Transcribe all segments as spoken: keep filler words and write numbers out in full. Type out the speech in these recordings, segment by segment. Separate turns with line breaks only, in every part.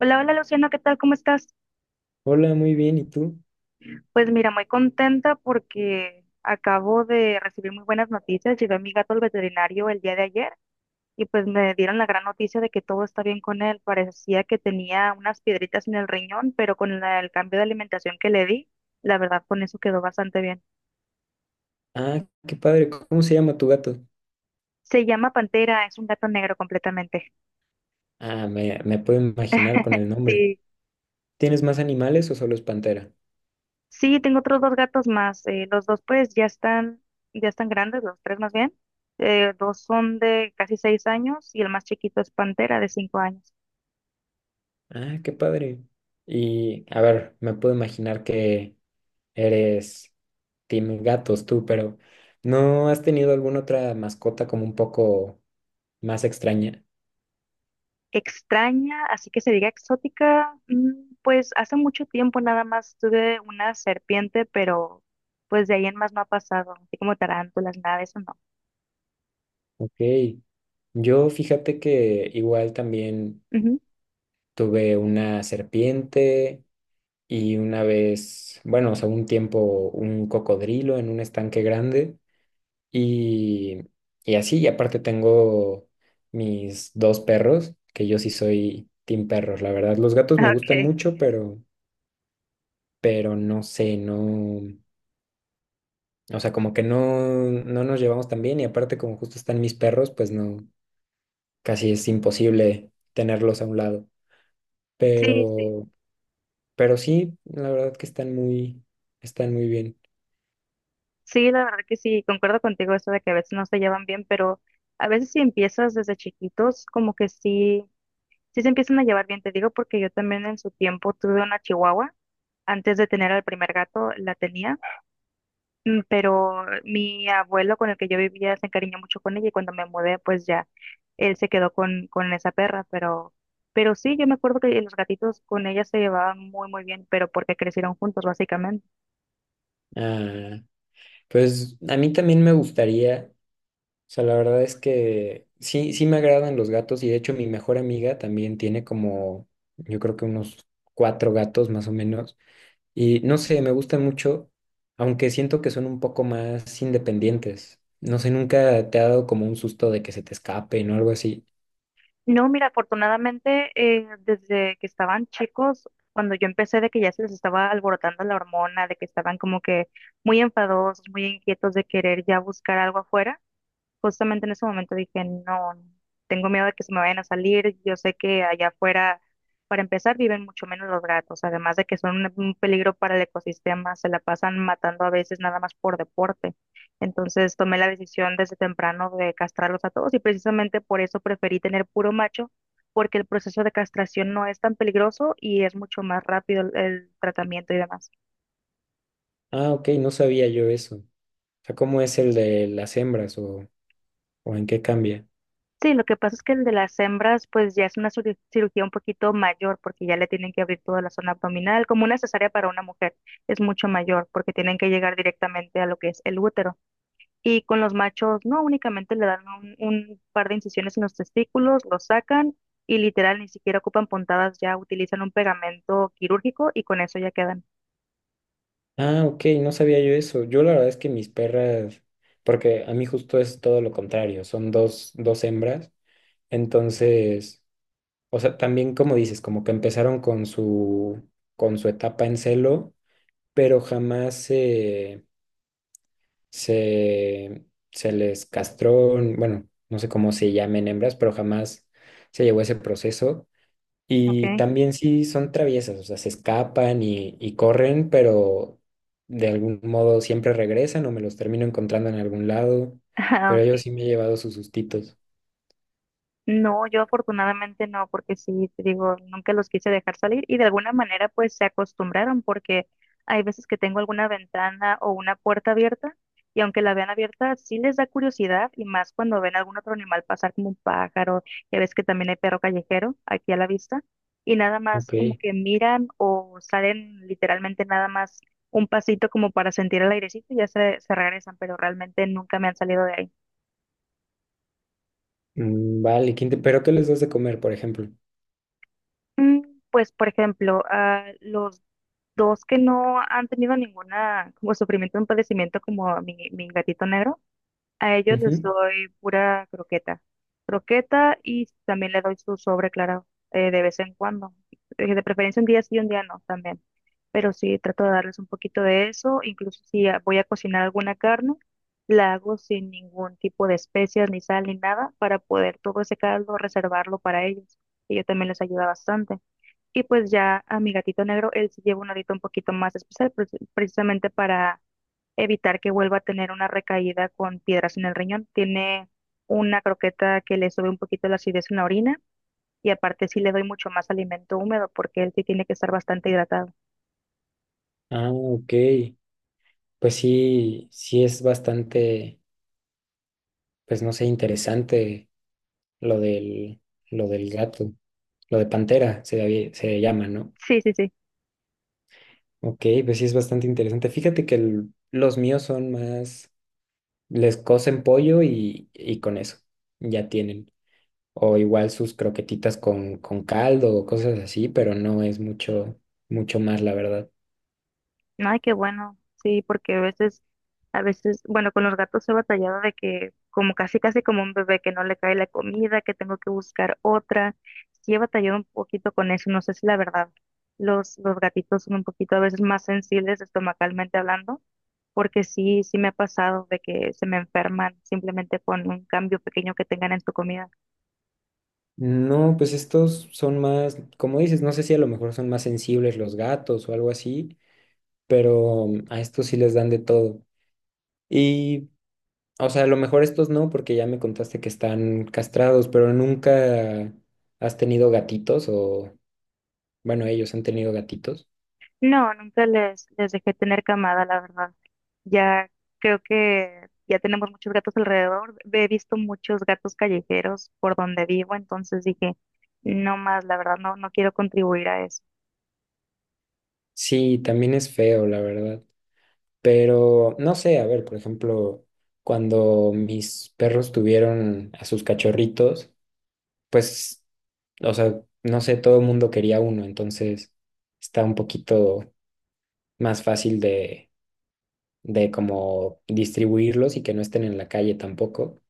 Hola, hola Luciano, ¿qué tal? ¿Cómo estás?
Hola, muy bien, ¿y tú?
Pues mira, muy contenta porque acabo de recibir muy buenas noticias. Llevé a mi gato al veterinario el día de ayer y pues me dieron la gran noticia de que todo está bien con él. Parecía que tenía unas piedritas en el riñón, pero con la- el cambio de alimentación que le di, la verdad con eso quedó bastante bien.
Ah, qué padre, ¿cómo se llama tu gato?
Se llama Pantera, es un gato negro completamente.
Ah, me, me puedo imaginar con el nombre.
Sí,
¿Tienes más animales o solo es pantera?
sí, tengo otros dos gatos más. Eh, los dos pues ya están, ya están grandes, los tres más bien. Eh, dos son de casi seis años y el más chiquito es Pantera de cinco años.
Ah, qué padre. Y, a ver, me puedo imaginar que eres team gatos tú, pero ¿no has tenido alguna otra mascota como un poco más extraña?
Extraña, así que se diga exótica, mm, pues hace mucho tiempo nada más tuve una serpiente, pero pues de ahí en más no ha pasado, así como tarántulas, nada de eso no.
Ok, yo fíjate que igual también
Ujú.
tuve una serpiente, y una vez, bueno, o sea, un tiempo un cocodrilo en un estanque grande y, y así, y aparte tengo mis dos perros, que yo sí soy team perros, la verdad, los gatos me gustan
Okay,
mucho, pero, pero no sé, no, o sea, como que no, no nos llevamos tan bien y aparte como justo están mis perros, pues no, casi es imposible tenerlos a un lado,
sí, sí,
pero, pero sí, la verdad que están muy, están muy bien.
sí, la verdad que sí, concuerdo contigo eso de que a veces no se llevan bien, pero a veces si empiezas desde chiquitos, como que sí, sí se empiezan a llevar bien, te digo, porque yo también en su tiempo tuve una chihuahua. Antes de tener al primer gato la tenía, mm, pero mi abuelo con el que yo vivía se encariñó mucho con ella y cuando me mudé, pues ya él se quedó con, con esa perra, pero, pero sí, yo me acuerdo que los gatitos con ella se llevaban muy, muy bien, pero porque crecieron juntos, básicamente.
Ah, pues a mí también me gustaría, o sea, la verdad es que sí, sí me agradan los gatos y de hecho mi mejor amiga también tiene como, yo creo que unos cuatro gatos más o menos y no sé, me gustan mucho, aunque siento que son un poco más independientes. No sé, nunca te ha dado como un susto de que se te escapen o algo así.
No, mira, afortunadamente eh, desde que estaban chicos, cuando yo empecé de que ya se les estaba alborotando la hormona, de que estaban como que muy enfadosos, muy inquietos de querer ya buscar algo afuera, justamente en ese momento dije, no, tengo miedo de que se me vayan a salir. Yo sé que allá afuera, para empezar, viven mucho menos los gatos, además de que son un un peligro para el ecosistema, se la pasan matando a veces nada más por deporte. Entonces tomé la decisión desde temprano de castrarlos a todos y precisamente por eso preferí tener puro macho, porque el proceso de castración no es tan peligroso y es mucho más rápido el el tratamiento y demás.
Ah, ok, no sabía yo eso. O sea, ¿cómo es el de las hembras o, o en qué cambia?
Sí, lo que pasa es que el de las hembras, pues ya es una ciru- cirugía un poquito mayor, porque ya le tienen que abrir toda la zona abdominal, como una cesárea para una mujer, es mucho mayor, porque tienen que llegar directamente a lo que es el útero. Y con los machos, no, únicamente le dan un, un par de incisiones en los testículos, los sacan y literal ni siquiera ocupan puntadas, ya utilizan un pegamento quirúrgico y con eso ya quedan.
Ah, ok, no sabía yo eso. Yo la verdad es que mis perras, porque a mí justo es todo lo contrario, son dos, dos hembras. Entonces, o sea, también como dices, como que empezaron con su, con su etapa en celo, pero jamás se, se, se les castró, bueno, no sé cómo se llamen hembras, pero jamás se llevó ese proceso.
Ok.
Y también sí son traviesas, o sea, se escapan y, y corren, pero de algún modo siempre regresan o me los termino encontrando en algún lado.
Ah,
Pero yo
ok.
sí me he llevado sus sustitos.
No, yo afortunadamente no, porque sí, te digo, nunca los quise dejar salir y de alguna manera pues se acostumbraron porque hay veces que tengo alguna ventana o una puerta abierta y aunque la vean abierta sí les da curiosidad y más cuando ven algún otro animal pasar como un pájaro, ya ves que también hay perro callejero aquí a la vista y nada más como
Ok.
que miran o salen literalmente nada más un pasito como para sentir el airecito y ya se, se regresan, pero realmente nunca me han salido de ahí.
Mm, vale, quinte- ¿pero qué les das de comer, por ejemplo?
Mm, Pues, por ejemplo, a los dos que no han tenido ninguna como sufrimiento, un padecimiento como mi, mi gatito negro, a ellos les
Ujú.
doy pura croqueta. Croqueta y también le doy su sobre, claro, eh, de vez en cuando. Eh, De preferencia un día sí y un día no también. Pero sí trato de darles un poquito de eso. Incluso si ah, voy a cocinar alguna carne, la hago sin ningún tipo de especias, ni sal, ni nada, para poder todo ese caldo reservarlo para ellos. Y yo también les ayuda bastante. Y pues ya a mi gatito negro, él sí lleva una dieta un poquito más especial, pre- precisamente para evitar que vuelva a tener una recaída con piedras en el riñón. Tiene una croqueta que le sube un poquito la acidez en la orina y aparte sí le doy mucho más alimento húmedo porque él sí tiene que estar bastante hidratado.
Ah, ok. Pues sí, sí es bastante, pues no sé, interesante lo del, lo del gato, lo de pantera se, había- se llama, ¿no?
Sí, sí, sí.
Ok, pues sí es bastante interesante. Fíjate que el- los míos son más, les cocen pollo y, y con eso, ya tienen. O igual sus croquetitas con, con caldo o cosas así, pero no es mucho, mucho más, la verdad.
Ay, qué bueno, sí, porque a veces, a veces, bueno, con los gatos he batallado de que como casi, casi como un bebé que no le cae la comida, que tengo que buscar otra. Sí he batallado un poquito con eso, no sé si la verdad, los, los gatitos son un poquito a veces más sensibles estomacalmente hablando, porque sí, sí me ha pasado de que se me enferman simplemente con un cambio pequeño que tengan en su comida.
No, pues estos son más, como dices, no sé si a lo mejor son más sensibles los gatos o algo así, pero a estos sí les dan de todo. Y, o sea, a lo mejor estos no, porque ya me contaste que están castrados, pero nunca has tenido gatitos o... Bueno, ellos han tenido gatitos.
No, nunca les, les dejé tener camada, la verdad. Ya creo que ya tenemos muchos gatos alrededor. He visto muchos gatos callejeros por donde vivo, entonces dije, no más, la verdad, no, no quiero contribuir a eso.
Sí, también es feo, la verdad. Pero no sé, a ver, por ejemplo, cuando mis perros tuvieron a sus cachorritos, pues, o sea, no sé, todo el mundo quería uno, entonces está un poquito más fácil de, de como distribuirlos y que no estén en la calle tampoco.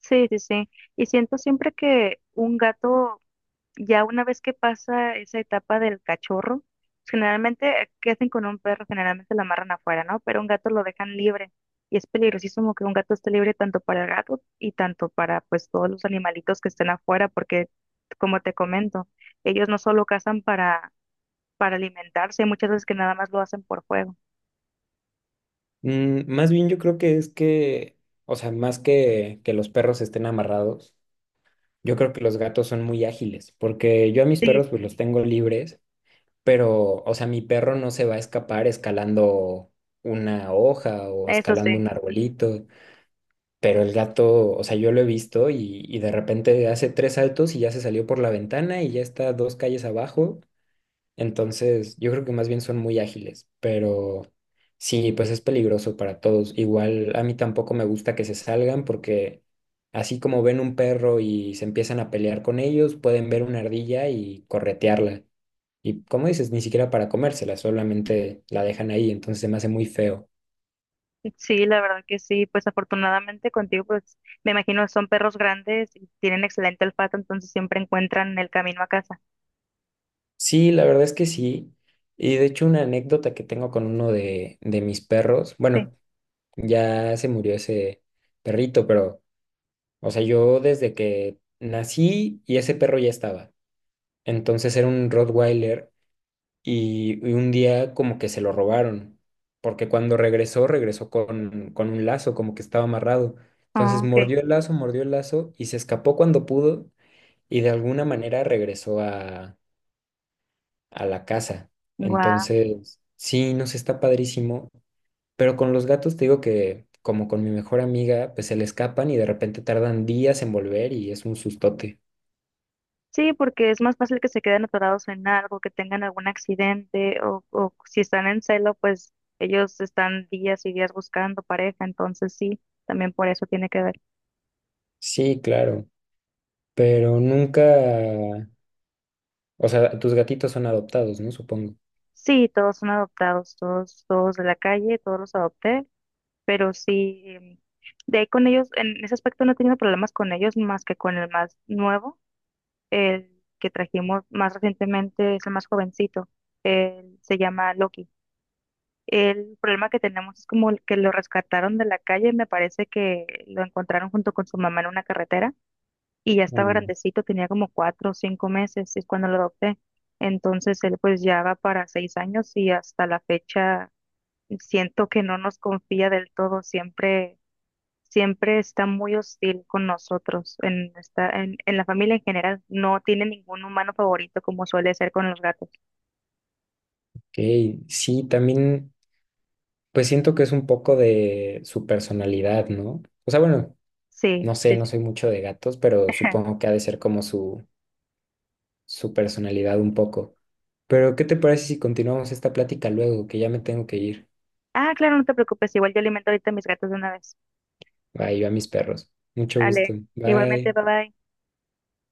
Sí, sí, sí. Y siento siempre que un gato ya una vez que pasa esa etapa del cachorro, generalmente, ¿qué hacen con un perro? Generalmente lo amarran afuera, ¿no? Pero un gato lo dejan libre. Y es peligrosísimo que un gato esté libre tanto para el gato y tanto para pues todos los animalitos que estén afuera, porque como te comento, ellos no solo cazan para, para alimentarse, hay muchas veces que nada más lo hacen por juego.
Mm, más bien yo creo que es que, o sea, más que que los perros estén amarrados. Yo creo que los gatos son muy ágiles, porque yo a mis
Sí,
perros pues
sí,
los tengo libres, pero, o sea, mi perro no se va a escapar escalando una hoja o
eso
escalando
sí.
un arbolito, pero el gato, o sea, yo lo he visto y, y de repente hace tres saltos y ya se salió por la ventana y ya está dos calles abajo, entonces, yo creo que más bien son muy ágiles, pero sí, pues es peligroso para todos. Igual a mí tampoco me gusta que se salgan porque así como ven un perro y se empiezan a pelear con ellos, pueden ver una ardilla y corretearla. Y como dices, ni siquiera para comérsela, solamente la dejan ahí, entonces se me hace muy feo.
Sí, la verdad que sí. Pues afortunadamente contigo, pues me imagino son perros grandes y tienen excelente olfato, entonces siempre encuentran el camino a casa.
Sí, la verdad es que sí. Y de hecho una anécdota que tengo con uno de, de mis perros,
Sí.
bueno, ya se murió ese perrito, pero... O sea, yo desde que nací y ese perro ya estaba. Entonces era un Rottweiler y, y un día como que se lo robaron, porque cuando regresó, regresó con, con un lazo, como que estaba amarrado.
Ah,
Entonces
ok.
mordió el lazo, mordió el lazo y se escapó cuando pudo y de alguna manera regresó a, a la casa.
Guau.
Entonces, sí, nos está padrísimo, pero con los gatos te digo que... Como con mi mejor amiga, pues se le escapan y de repente tardan días en volver y es un sustote.
Sí, porque es más fácil que se queden atorados en algo, que tengan algún accidente o, o si están en celo, pues ellos están días y días buscando pareja, entonces sí, también por eso tiene que ver.
Sí, claro, pero nunca, o sea, tus gatitos son adoptados, ¿no? Supongo.
Sí, todos son adoptados, todos, todos de la calle, todos los adopté, pero sí, em, de ahí con ellos, en ese aspecto no he tenido problemas con ellos más que con el más nuevo, el que trajimos más recientemente es el más jovencito, él se llama Loki. El problema que tenemos es como el que lo rescataron de la calle, me parece que lo encontraron junto con su mamá en una carretera y ya estaba
Mm.
grandecito, tenía como cuatro o cinco meses, es cuando lo adopté. Entonces él pues ya va para seis años y hasta la fecha siento que no nos confía del todo, siempre, siempre está muy hostil con nosotros, en, esta, en, en la familia en general, no tiene ningún humano favorito como suele ser con los gatos.
Ok, sí, también, pues siento que es un poco de su personalidad, ¿no? O sea, bueno,
Sí,
no sé,
sí,
no
sí.
soy mucho de gatos, pero supongo que ha de ser como su, su personalidad un poco. Pero, ¿qué te parece si continuamos esta plática luego, que ya me tengo que ir?
Ah, claro, no te preocupes, igual yo alimento ahorita a mis gatos de una vez.
Bye, yo a mis perros. Mucho gusto.
Ale, igualmente,
Bye.
bye bye.